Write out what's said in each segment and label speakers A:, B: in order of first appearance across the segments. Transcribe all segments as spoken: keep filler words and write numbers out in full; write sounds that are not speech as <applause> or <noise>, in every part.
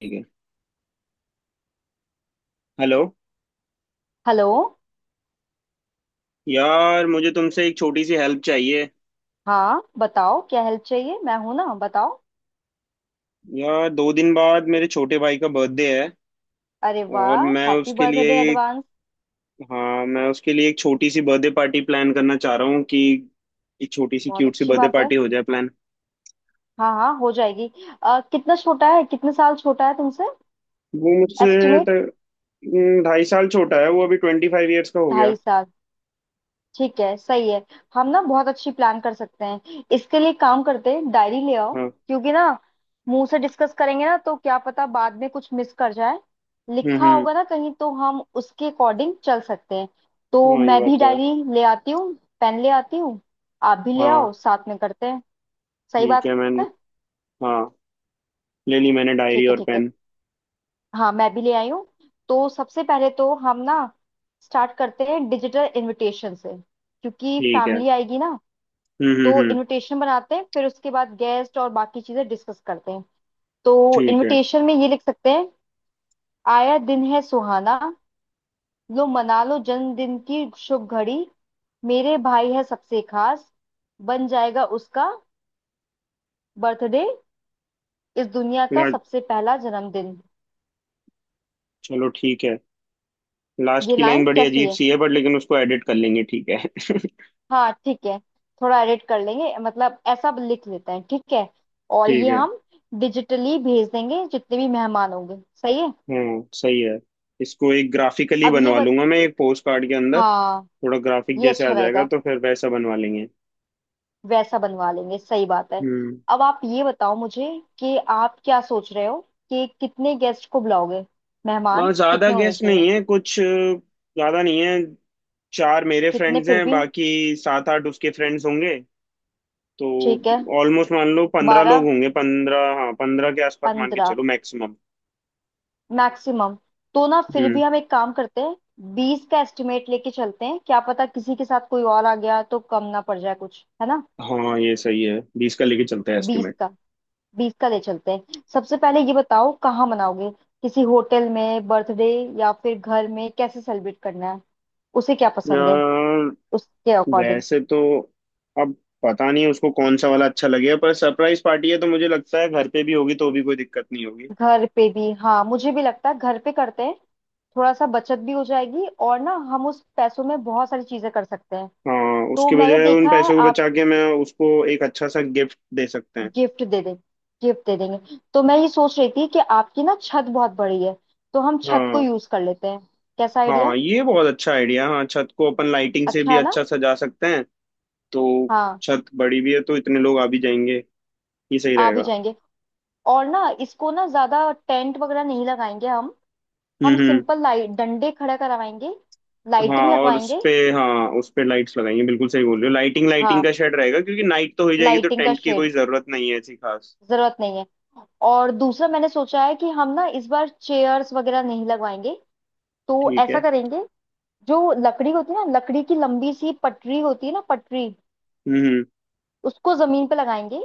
A: ठीक है। Hello.
B: Hello.
A: यार मुझे तुमसे एक छोटी सी हेल्प चाहिए।
B: हाँ, बताओ क्या हेल्प चाहिए, मैं हूं ना, बताओ।
A: यार दो दिन बाद मेरे छोटे भाई का बर्थडे है।
B: अरे
A: और
B: वाह,
A: मैं
B: हैप्पी
A: उसके
B: बर्थडे
A: लिए
B: एडवांस।
A: हाँ, मैं उसके लिए एक छोटी सी बर्थडे पार्टी प्लान करना चाह रहा हूँ कि एक छोटी सी
B: बहुत
A: क्यूट सी
B: अच्छी
A: बर्थडे
B: बात है।
A: पार्टी हो जाए प्लान।
B: हाँ हाँ, हो जाएगी। अ, कितना छोटा है, कितने साल छोटा है तुमसे?
A: वो मुझसे त-
B: एस्टिमेट।
A: हम्म, ढाई साल छोटा है, वो अभी ट्वेंटी फाइव ईयर्स का हो गया।
B: ढाई साल। ठीक है, सही है। हम ना बहुत अच्छी प्लान कर सकते हैं इसके लिए, काम करते हैं, डायरी ले आओ।
A: हाँ।
B: क्योंकि ना मुंह से डिस्कस करेंगे ना तो क्या पता बाद में कुछ मिस कर जाए।
A: हम्म
B: लिखा
A: हम्म।
B: होगा ना कहीं तो हम उसके अकॉर्डिंग चल सकते हैं। तो
A: हाँ ये
B: मैं
A: बात
B: भी
A: तो है।
B: डायरी ले आती हूँ, पेन ले आती हूँ। आप भी ले
A: हाँ
B: आओ, साथ में करते हैं। सही
A: ठीक
B: बात
A: है मैंने।
B: है।
A: हाँ, ले ली मैंने डायरी
B: ठीक है
A: और
B: ठीक है।
A: पेन।
B: हाँ, मैं भी ले आई हूँ। तो सबसे पहले तो हम ना स्टार्ट करते हैं डिजिटल इनविटेशन से, क्योंकि
A: ठीक है।
B: फैमिली आएगी ना।
A: हम्म हम्म
B: तो
A: हम्म।
B: इनविटेशन बनाते हैं, फिर उसके बाद गेस्ट और बाकी चीजें डिस्कस करते हैं। तो
A: ठीक है।
B: इनविटेशन में ये लिख सकते हैं। आया दिन है सुहाना, लो मना लो जन्मदिन की शुभ घड़ी, मेरे भाई है सबसे खास, बन जाएगा उसका बर्थडे, इस दुनिया का
A: ला-
B: सबसे पहला जन्मदिन।
A: चलो ठीक है। लास्ट
B: ये
A: की लाइन
B: लाइन
A: बड़ी
B: कैसी
A: अजीब
B: है?
A: सी है बट लेकिन उसको एडिट कर लेंगे, ठीक है। <laughs>
B: हाँ ठीक है, थोड़ा एडिट कर लेंगे, मतलब ऐसा लिख लेते हैं ठीक है। और
A: ठीक
B: ये
A: है।
B: हम डिजिटली भेज देंगे, जितने भी मेहमान होंगे। सही है।
A: हाँ सही है। इसको एक ग्राफिकली
B: अब ये
A: बनवा
B: बत
A: लूंगा मैं, एक पोस्ट कार्ड के अंदर
B: हाँ,
A: थोड़ा ग्राफिक
B: ये
A: जैसे आ
B: अच्छा
A: जाएगा
B: रहेगा,
A: तो फिर वैसा बनवा लेंगे।
B: वैसा बनवा लेंगे, सही बात है।
A: हम्म।
B: अब आप ये बताओ मुझे कि आप क्या सोच रहे हो, कि कितने गेस्ट को बुलाओगे,
A: और
B: मेहमान
A: ज्यादा
B: कितने होने
A: गेस्ट
B: चाहिए?
A: नहीं है कुछ, अ, ज्यादा नहीं है। चार मेरे
B: कितने
A: फ्रेंड्स
B: फिर
A: हैं,
B: भी?
A: बाकी सात आठ उसके फ्रेंड्स होंगे। तो
B: ठीक है।
A: ऑलमोस्ट मान लो पंद्रह लोग
B: बारह,
A: होंगे, पंद्रह, हाँ, पंद्रह के आसपास मान के
B: पंद्रह
A: चलो मैक्सिमम।
B: मैक्सिमम। तो ना फिर
A: हम्म।
B: भी हम एक काम करते हैं, बीस का एस्टिमेट लेके चलते हैं, क्या पता किसी के साथ कोई और आ गया तो कम ना पड़ जाए कुछ, है ना?
A: हाँ ये सही है, बीस का लेके चलते हैं।
B: बीस का। बीस का ले चलते हैं। सबसे पहले ये बताओ कहाँ मनाओगे, किसी होटल में बर्थडे या फिर घर में, कैसे सेलिब्रेट करना है, उसे क्या पसंद है,
A: एस्टिमेट।
B: उसके अकॉर्डिंग।
A: वैसे तो अब पता नहीं उसको कौन सा वाला अच्छा लगेगा, पर सरप्राइज पार्टी है तो मुझे लगता है घर पे भी होगी तो भी कोई दिक्कत नहीं होगी।
B: घर पे भी, हाँ मुझे भी लगता है घर पे करते हैं। थोड़ा सा बचत भी हो जाएगी और ना हम उस पैसों में बहुत सारी चीजें कर सकते हैं।
A: हाँ,
B: तो
A: उसके
B: मैंने
A: बजाय उन
B: देखा है
A: पैसों को
B: आप
A: बचा के मैं उसको एक अच्छा सा गिफ्ट दे सकते हैं।
B: गिफ्ट दे दें, गिफ्ट दे देंगे। तो मैं ये सोच रही थी कि आपकी ना छत बहुत बड़ी है, तो हम छत को
A: हाँ।
B: यूज कर लेते हैं, कैसा आइडिया है?
A: हाँ ये बहुत अच्छा आइडिया, हाँ छत को अपन लाइटिंग से
B: अच्छा
A: भी
B: है ना।
A: अच्छा सजा सकते हैं। तो
B: हाँ,
A: छत बड़ी भी है तो इतने लोग आ भी जाएंगे, ये सही
B: आ भी
A: रहेगा।
B: जाएंगे। और ना इसको ना ज्यादा टेंट वगैरह नहीं लगाएंगे हम
A: हम्म
B: हम
A: हम्म।
B: सिंपल लाइट डंडे खड़ा करवाएंगे,
A: हाँ
B: लाइटिंग
A: और उस
B: लगवाएंगे।
A: पे, हाँ उस पे लाइट्स लगाएंगे, बिल्कुल सही बोल रहे हो, लाइटिंग लाइटिंग
B: हाँ,
A: का शेड रहेगा क्योंकि नाइट तो हो ही जाएगी, तो
B: लाइटिंग का
A: टेंट की कोई
B: शेड,
A: जरूरत नहीं है ऐसी खास।
B: जरूरत नहीं है। और दूसरा मैंने सोचा है कि हम ना इस बार चेयर्स वगैरह नहीं लगवाएंगे, तो
A: ठीक
B: ऐसा
A: है।
B: करेंगे, जो लकड़ी होती है ना, लकड़ी की लंबी सी पटरी होती है ना, पटरी
A: हम्म
B: उसको जमीन पे लगाएंगे,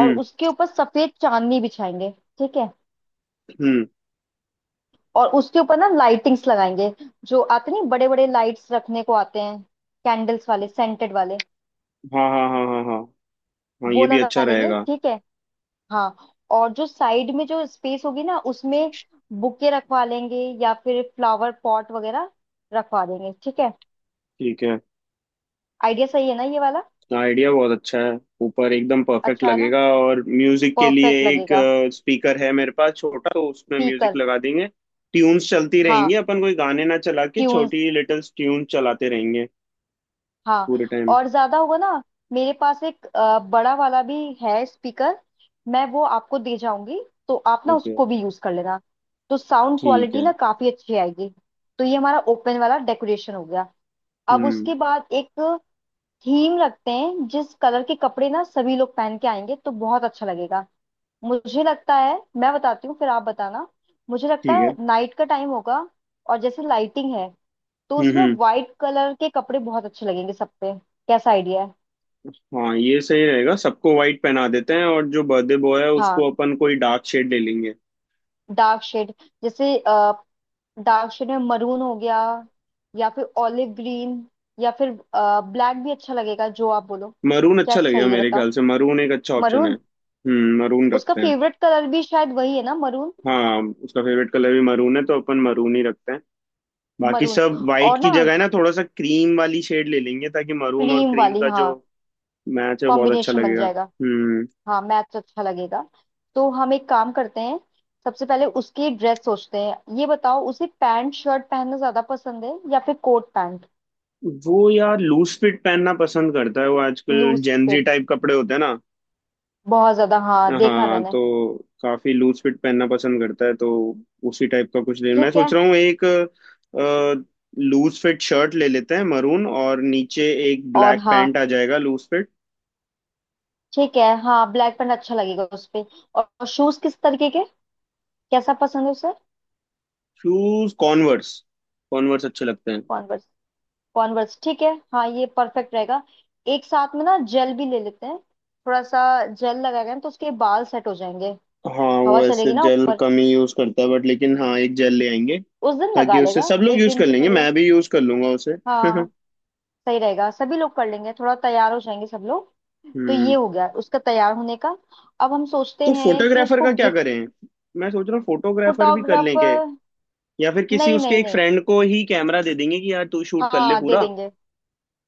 B: और उसके ऊपर सफेद चांदनी बिछाएंगे, ठीक है।
A: हम्म।
B: और उसके ऊपर ना लाइटिंग्स लगाएंगे, जो आते नहीं बड़े बड़े लाइट्स रखने को आते हैं, कैंडल्स वाले सेंटेड वाले,
A: हाँ हाँ हाँ हाँ हाँ। हाँ
B: वो
A: ये भी अच्छा
B: लगा लेंगे
A: रहेगा।
B: ठीक है। हाँ, और जो साइड में जो स्पेस होगी ना उसमें बुके रखवा लेंगे या फिर फ्लावर पॉट वगैरह रखवा देंगे, ठीक है।
A: ठीक है।
B: आइडिया सही है ना ये वाला?
A: आइडिया बहुत अच्छा है, ऊपर एकदम परफेक्ट
B: अच्छा है ना,
A: लगेगा और म्यूजिक के लिए
B: परफेक्ट
A: एक
B: लगेगा।
A: स्पीकर है मेरे पास छोटा, तो उसमें म्यूजिक
B: स्पीकर।
A: लगा देंगे, ट्यून्स चलती रहेंगी,
B: हाँ
A: अपन कोई गाने ना चला के
B: ट्यून्स।
A: छोटी लिटिल ट्यून चलाते रहेंगे
B: हाँ,
A: पूरे टाइम।
B: और ज्यादा होगा ना, मेरे पास एक अ, बड़ा वाला भी है स्पीकर, मैं वो आपको दे जाऊंगी, तो आप ना
A: ओके।
B: उसको भी यूज कर लेना, तो साउंड
A: ठीक
B: क्वालिटी।
A: है। हम्म।
B: थीम रखते हैं, जिस कलर के कपड़े ना सभी लोग पहन के आएंगे तो बहुत अच्छा लगेगा। मुझे लगता है, मैं बताती हूँ फिर आप बताना। मुझे लगता
A: ठीक
B: है
A: है।
B: नाइट का टाइम होगा, और जैसे लाइटिंग है तो
A: हम्म
B: उसमें
A: हम्म।
B: वाइट कलर के कपड़े बहुत अच्छे लगेंगे सब पे। कैसा आइडिया है?
A: हाँ ये सही रहेगा, सबको वाइट पहना देते हैं और जो बर्थडे बॉय है
B: हाँ,
A: उसको अपन कोई डार्क शेड ले लेंगे।
B: Dark shade. जैसे डार्क शेड में मरून हो गया, या फिर ऑलिव ग्रीन, या फिर ब्लैक भी अच्छा लगेगा, जो आप बोलो।
A: मरून
B: क्या
A: अच्छा लगेगा
B: सही है
A: मेरे
B: बताओ।
A: ख्याल से, मरून एक अच्छा ऑप्शन है।
B: मरून,
A: हम्म। मरून
B: उसका
A: रखते हैं।
B: फेवरेट कलर भी शायद वही है ना, मरून।
A: हाँ, उसका फेवरेट कलर भी मरून है तो अपन मरून ही रखते हैं। बाकी
B: मरून
A: सब वाइट
B: और
A: की
B: ना
A: जगह है ना थोड़ा सा क्रीम वाली शेड ले लेंगे, ताकि मरून और
B: क्रीम
A: क्रीम
B: वाली,
A: का जो
B: हाँ
A: मैच है बहुत अच्छा
B: कॉम्बिनेशन बन
A: लगेगा।
B: जाएगा।
A: हम्म।
B: हाँ, मैच अच्छा लगेगा। तो हम एक काम करते हैं, सबसे पहले उसकी ड्रेस सोचते हैं, ये बताओ उसे पैंट शर्ट पहनना ज्यादा पसंद है या फिर कोट पैंट?
A: वो यार लूज फिट पहनना पसंद करता है, वो आजकल
B: लूज
A: जेंजी
B: फिट
A: टाइप कपड़े होते हैं ना।
B: बहुत ज्यादा, हाँ देखा
A: हाँ,
B: मैंने।
A: तो काफी लूज फिट पहनना पसंद करता है, तो उसी टाइप का कुछ ले, मैं
B: ठीक
A: सोच
B: है
A: रहा हूँ एक लूज फिट शर्ट ले लेते हैं मरून, और नीचे एक
B: और
A: ब्लैक
B: हाँ,
A: पैंट आ जाएगा लूज फिट।
B: ठीक है, हाँ ब्लैक पैंट अच्छा लगेगा उस पे। और शूज किस तरीके के, कैसा पसंद है उसे?
A: शूज कॉन्वर्स, कॉन्वर्स अच्छे लगते हैं।
B: कॉन्वर्स, कॉन्वर्स ठीक है। हाँ, ये परफेक्ट रहेगा। एक साथ में ना जेल भी ले लेते हैं थोड़ा सा, जेल लगाएगा ना तो उसके बाल सेट हो जाएंगे,
A: हाँ
B: हवा
A: वो ऐसे
B: चलेगी ना
A: जेल
B: ऊपर,
A: कम ही यूज करता है बट लेकिन हाँ एक जेल ले आएंगे,
B: उस दिन लगा
A: ताकि उससे
B: लेगा
A: सब लोग
B: एक
A: यूज
B: दिन
A: कर
B: के
A: लेंगे,
B: लिए।
A: मैं भी यूज कर लूंगा उसे। <laughs>
B: हाँ, सही रहेगा, सभी लोग कर लेंगे, थोड़ा तैयार हो जाएंगे सब लोग। तो ये
A: हम्म।
B: हो गया उसका तैयार होने का, अब हम सोचते
A: तो
B: हैं कि
A: फोटोग्राफर
B: उसको
A: का क्या
B: गिफ्ट।
A: करें, मैं सोच रहा हूँ फोटोग्राफर भी कर लें क्या,
B: फोटोग्राफर।
A: या फिर किसी
B: नहीं
A: उसके
B: नहीं
A: एक
B: नहीं,
A: फ्रेंड को ही कैमरा दे देंगे कि यार तू शूट कर ले
B: हाँ दे
A: पूरा।
B: देंगे,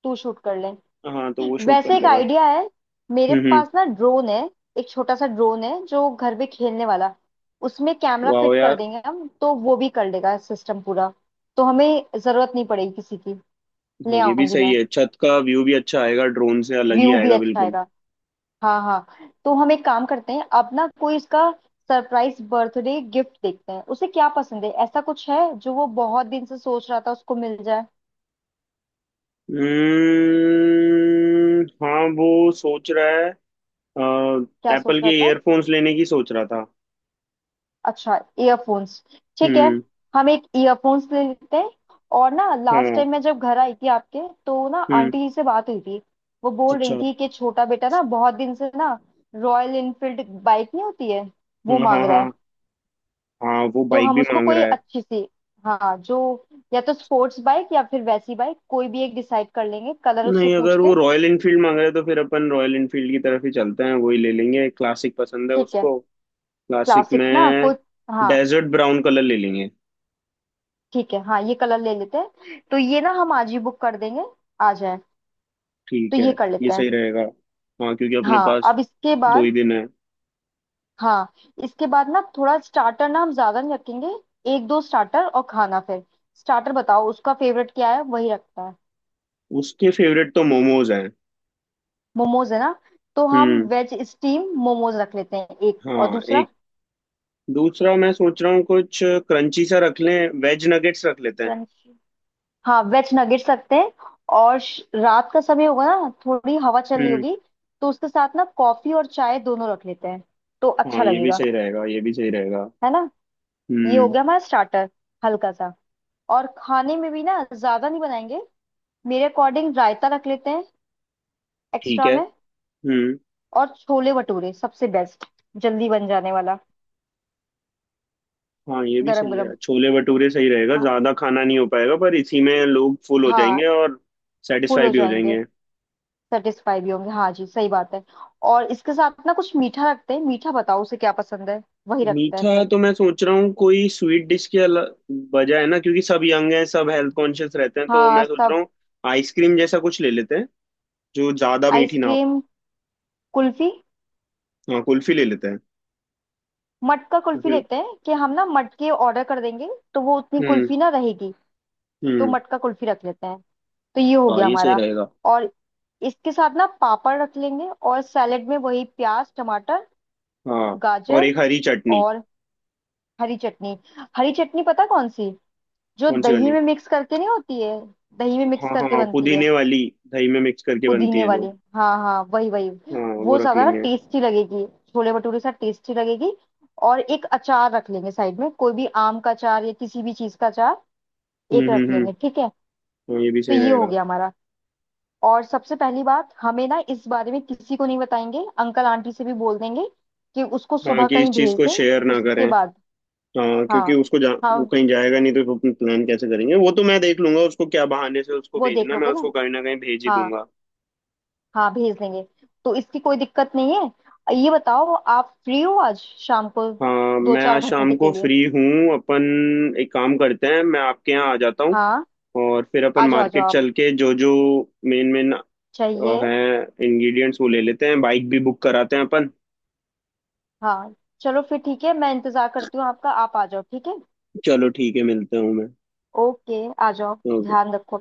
B: तू शूट कर ले।
A: हाँ तो वो शूट कर
B: वैसे एक
A: लेगा।
B: आइडिया है, मेरे
A: हम्म हम्म।
B: पास ना ड्रोन है, एक छोटा सा ड्रोन है जो घर पे खेलने वाला, उसमें कैमरा
A: वाह
B: फिट कर
A: यार।
B: देंगे हम तो वो भी कर लेगा सिस्टम पूरा, तो हमें जरूरत नहीं पड़ेगी किसी की।
A: हाँ
B: ले
A: ये भी
B: आऊंगी
A: सही
B: मैं,
A: है, छत का व्यू भी अच्छा आएगा ड्रोन से, अलग ही
B: व्यू भी
A: आएगा
B: अच्छा
A: बिल्कुल।
B: आएगा। हाँ हाँ, तो हम एक काम करते हैं अब ना, कोई इसका सरप्राइज बर्थडे गिफ्ट देखते हैं, उसे क्या पसंद है, ऐसा कुछ है जो वो बहुत दिन से सोच रहा था उसको मिल जाए,
A: हम्म। हाँ वो सोच रहा है,
B: क्या सोच
A: एप्पल के
B: रहा था?
A: ईयरफोन्स लेने की सोच रहा था।
B: अच्छा, ईयरफोन्स ठीक है,
A: हम्म।
B: हम एक ईयरफोन्स ले लेते हैं। और ना लास्ट
A: हाँ।
B: टाइम मैं जब घर आई थी आपके तो ना
A: हम्म।
B: आंटी जी से बात हुई थी, वो बोल
A: अच्छा।
B: रही थी कि छोटा बेटा ना बहुत दिन से ना रॉयल इनफील्ड बाइक नहीं होती है, वो
A: हाँ हाँ
B: मांग रहा
A: हाँ।
B: है।
A: हाँ वो
B: तो
A: बाइक
B: हम
A: भी
B: उसको
A: मांग
B: कोई
A: रहा है।
B: अच्छी सी, हाँ जो, या तो स्पोर्ट्स बाइक या फिर वैसी बाइक, कोई भी एक डिसाइड कर लेंगे कलर उससे
A: नहीं,
B: पूछ
A: अगर वो
B: के।
A: रॉयल इनफील्ड मांग रहा है तो फिर अपन रॉयल इनफील्ड की तरफ ही चलते हैं, वही ले लेंगे, क्लासिक पसंद है
B: ठीक है।
A: उसको। क्लासिक
B: क्लासिक ना
A: में
B: कोई, हाँ
A: डेजर्ट ब्राउन कलर ले लेंगे।
B: ठीक है, हाँ ये कलर ले लेते हैं, तो ये ना हम आज ही बुक कर देंगे, आ जाए, तो
A: ठीक है।
B: ये कर
A: ये
B: लेते
A: सही
B: हैं।
A: रहेगा। हाँ क्योंकि अपने
B: हाँ,
A: पास
B: अब इसके
A: दो ही
B: बाद,
A: दिन है।
B: हाँ इसके बाद ना थोड़ा स्टार्टर ना हम ज्यादा नहीं रखेंगे, एक दो स्टार्टर और खाना फिर। स्टार्टर बताओ उसका फेवरेट क्या है, वही रखता है।
A: उसके फेवरेट तो मोमोज हैं।
B: मोमोज है ना, तो हम
A: हम्म।
B: वेज स्टीम मोमोज रख लेते हैं एक, और
A: हाँ
B: दूसरा।
A: एक, दूसरा मैं सोच रहा हूँ कुछ क्रंची सा रख लें, वेज नगेट्स रख लेते हैं।
B: क्रंची, हाँ वेज नगेट्स रखते हैं। और श- रात का समय होगा ना, थोड़ी हवा चल रही
A: हम्म।
B: होगी तो उसके साथ ना कॉफी और चाय दोनों रख लेते हैं, तो अच्छा
A: हाँ ये भी
B: लगेगा,
A: सही रहेगा, ये भी सही रहेगा।
B: है ना? ये हो
A: हम्म।
B: गया हमारा स्टार्टर, हल्का सा। और खाने में भी ना ज्यादा नहीं बनाएंगे, मेरे अकॉर्डिंग रायता रख लेते हैं
A: ठीक
B: एक्स्ट्रा
A: है।
B: में।
A: हम्म।
B: और छोले भटूरे सबसे बेस्ट, जल्दी बन जाने वाला।
A: हाँ ये भी
B: गरम
A: सही
B: गरम।
A: है, छोले भटूरे सही रहेगा,
B: हाँ
A: ज्यादा खाना नहीं हो पाएगा पर इसी में लोग फुल हो
B: हाँ,
A: जाएंगे और
B: फुल
A: सेटिस्फाई
B: हो
A: भी हो
B: जाएंगे,
A: जाएंगे।
B: सेटिस्फाई भी होंगे, हाँ जी सही बात है। और इसके साथ ना कुछ मीठा रखते हैं, मीठा बताओ उसे क्या पसंद है वही रखते हैं
A: मीठा
B: फिर।
A: तो मैं सोच रहा हूँ कोई स्वीट डिश के अला- बजाय ना, क्योंकि सब यंग हैं, सब हेल्थ कॉन्शियस रहते हैं, तो
B: हाँ
A: मैं सोच रहा
B: सब।
A: हूँ आइसक्रीम जैसा कुछ ले लेते हैं जो ज्यादा मीठी ना हो।
B: आइसक्रीम, कुल्फी।
A: हाँ कुल्फी ले लेते हैं।
B: मटका कुल्फी
A: कुल्फी।
B: लेते हैं, कि हम ना मटके ऑर्डर कर देंगे, तो वो उतनी
A: हम्म
B: कुल्फी ना रहेगी, तो
A: हम्म।
B: मटका कुल्फी रख लेते हैं, तो ये हो
A: हाँ
B: गया
A: ये सही
B: हमारा।
A: रहेगा।
B: और इसके साथ ना पापड़ रख लेंगे, और सैलेड में वही प्याज टमाटर
A: हाँ और
B: गाजर,
A: एक हरी चटनी।
B: और हरी चटनी। हरी चटनी पता कौन सी, जो
A: कौन सी
B: दही
A: वाली।
B: में मिक्स करके नहीं होती है, दही में मिक्स
A: हाँ
B: करके
A: हाँ
B: बनती है।
A: पुदीने वाली, दही में मिक्स करके बनती
B: पुदीने
A: है
B: वाली,
A: जो।
B: हाँ हाँ वही वही।
A: हाँ वो
B: वो
A: रख
B: ज्यादा ना
A: लेंगे।
B: टेस्टी लगेगी, छोले भटूरे से टेस्टी लगेगी। और एक अचार रख लेंगे साइड में, कोई भी आम का अचार या किसी भी चीज का अचार,
A: हम्म
B: एक
A: हम्म
B: रख
A: हम्म।
B: लेंगे ठीक है।
A: हाँ ये भी
B: तो
A: सही
B: ये हो
A: रहेगा।
B: गया हमारा। और सबसे पहली बात, हमें ना इस बारे में किसी को नहीं बताएंगे, अंकल आंटी से भी बोल देंगे कि उसको
A: हाँ
B: सुबह
A: कि इस
B: कहीं
A: चीज
B: भेज
A: को
B: दें,
A: शेयर ना
B: उसके
A: करें।
B: बाद।
A: हाँ
B: हाँ
A: क्योंकि उसको जा, वो
B: हाँ,
A: कहीं जाएगा नहीं तो अपना प्लान कैसे करेंगे, वो तो मैं देख लूंगा उसको क्या बहाने से उसको
B: वो देख
A: भेजना, मैं
B: लोगे
A: उसको
B: ना।
A: कहीं ना कहीं भेज ही
B: हाँ
A: दूंगा।
B: हाँ भेज देंगे, तो इसकी कोई दिक्कत नहीं है। ये बताओ आप फ्री हो आज शाम को?
A: हाँ
B: दो
A: मैं
B: चार
A: आज शाम
B: घंटे के
A: को
B: लिए।
A: फ्री हूँ, अपन एक काम करते हैं, मैं आपके यहाँ आ जाता हूँ,
B: हाँ
A: और फिर अपन
B: आ जाओ आ जाओ
A: मार्केट
B: आप,
A: चल के जो जो मेन मेन
B: चाहिए।
A: हैं इंग्रेडिएंट्स वो ले लेते हैं, बाइक भी बुक कराते हैं अपन।
B: हाँ चलो, फिर ठीक है, मैं इंतजार करती हूँ आपका, आप आ जाओ ठीक है।
A: चलो ठीक है, मिलते हूँ मैं।
B: ओके आ जाओ।
A: ओके।
B: ध्यान रखो।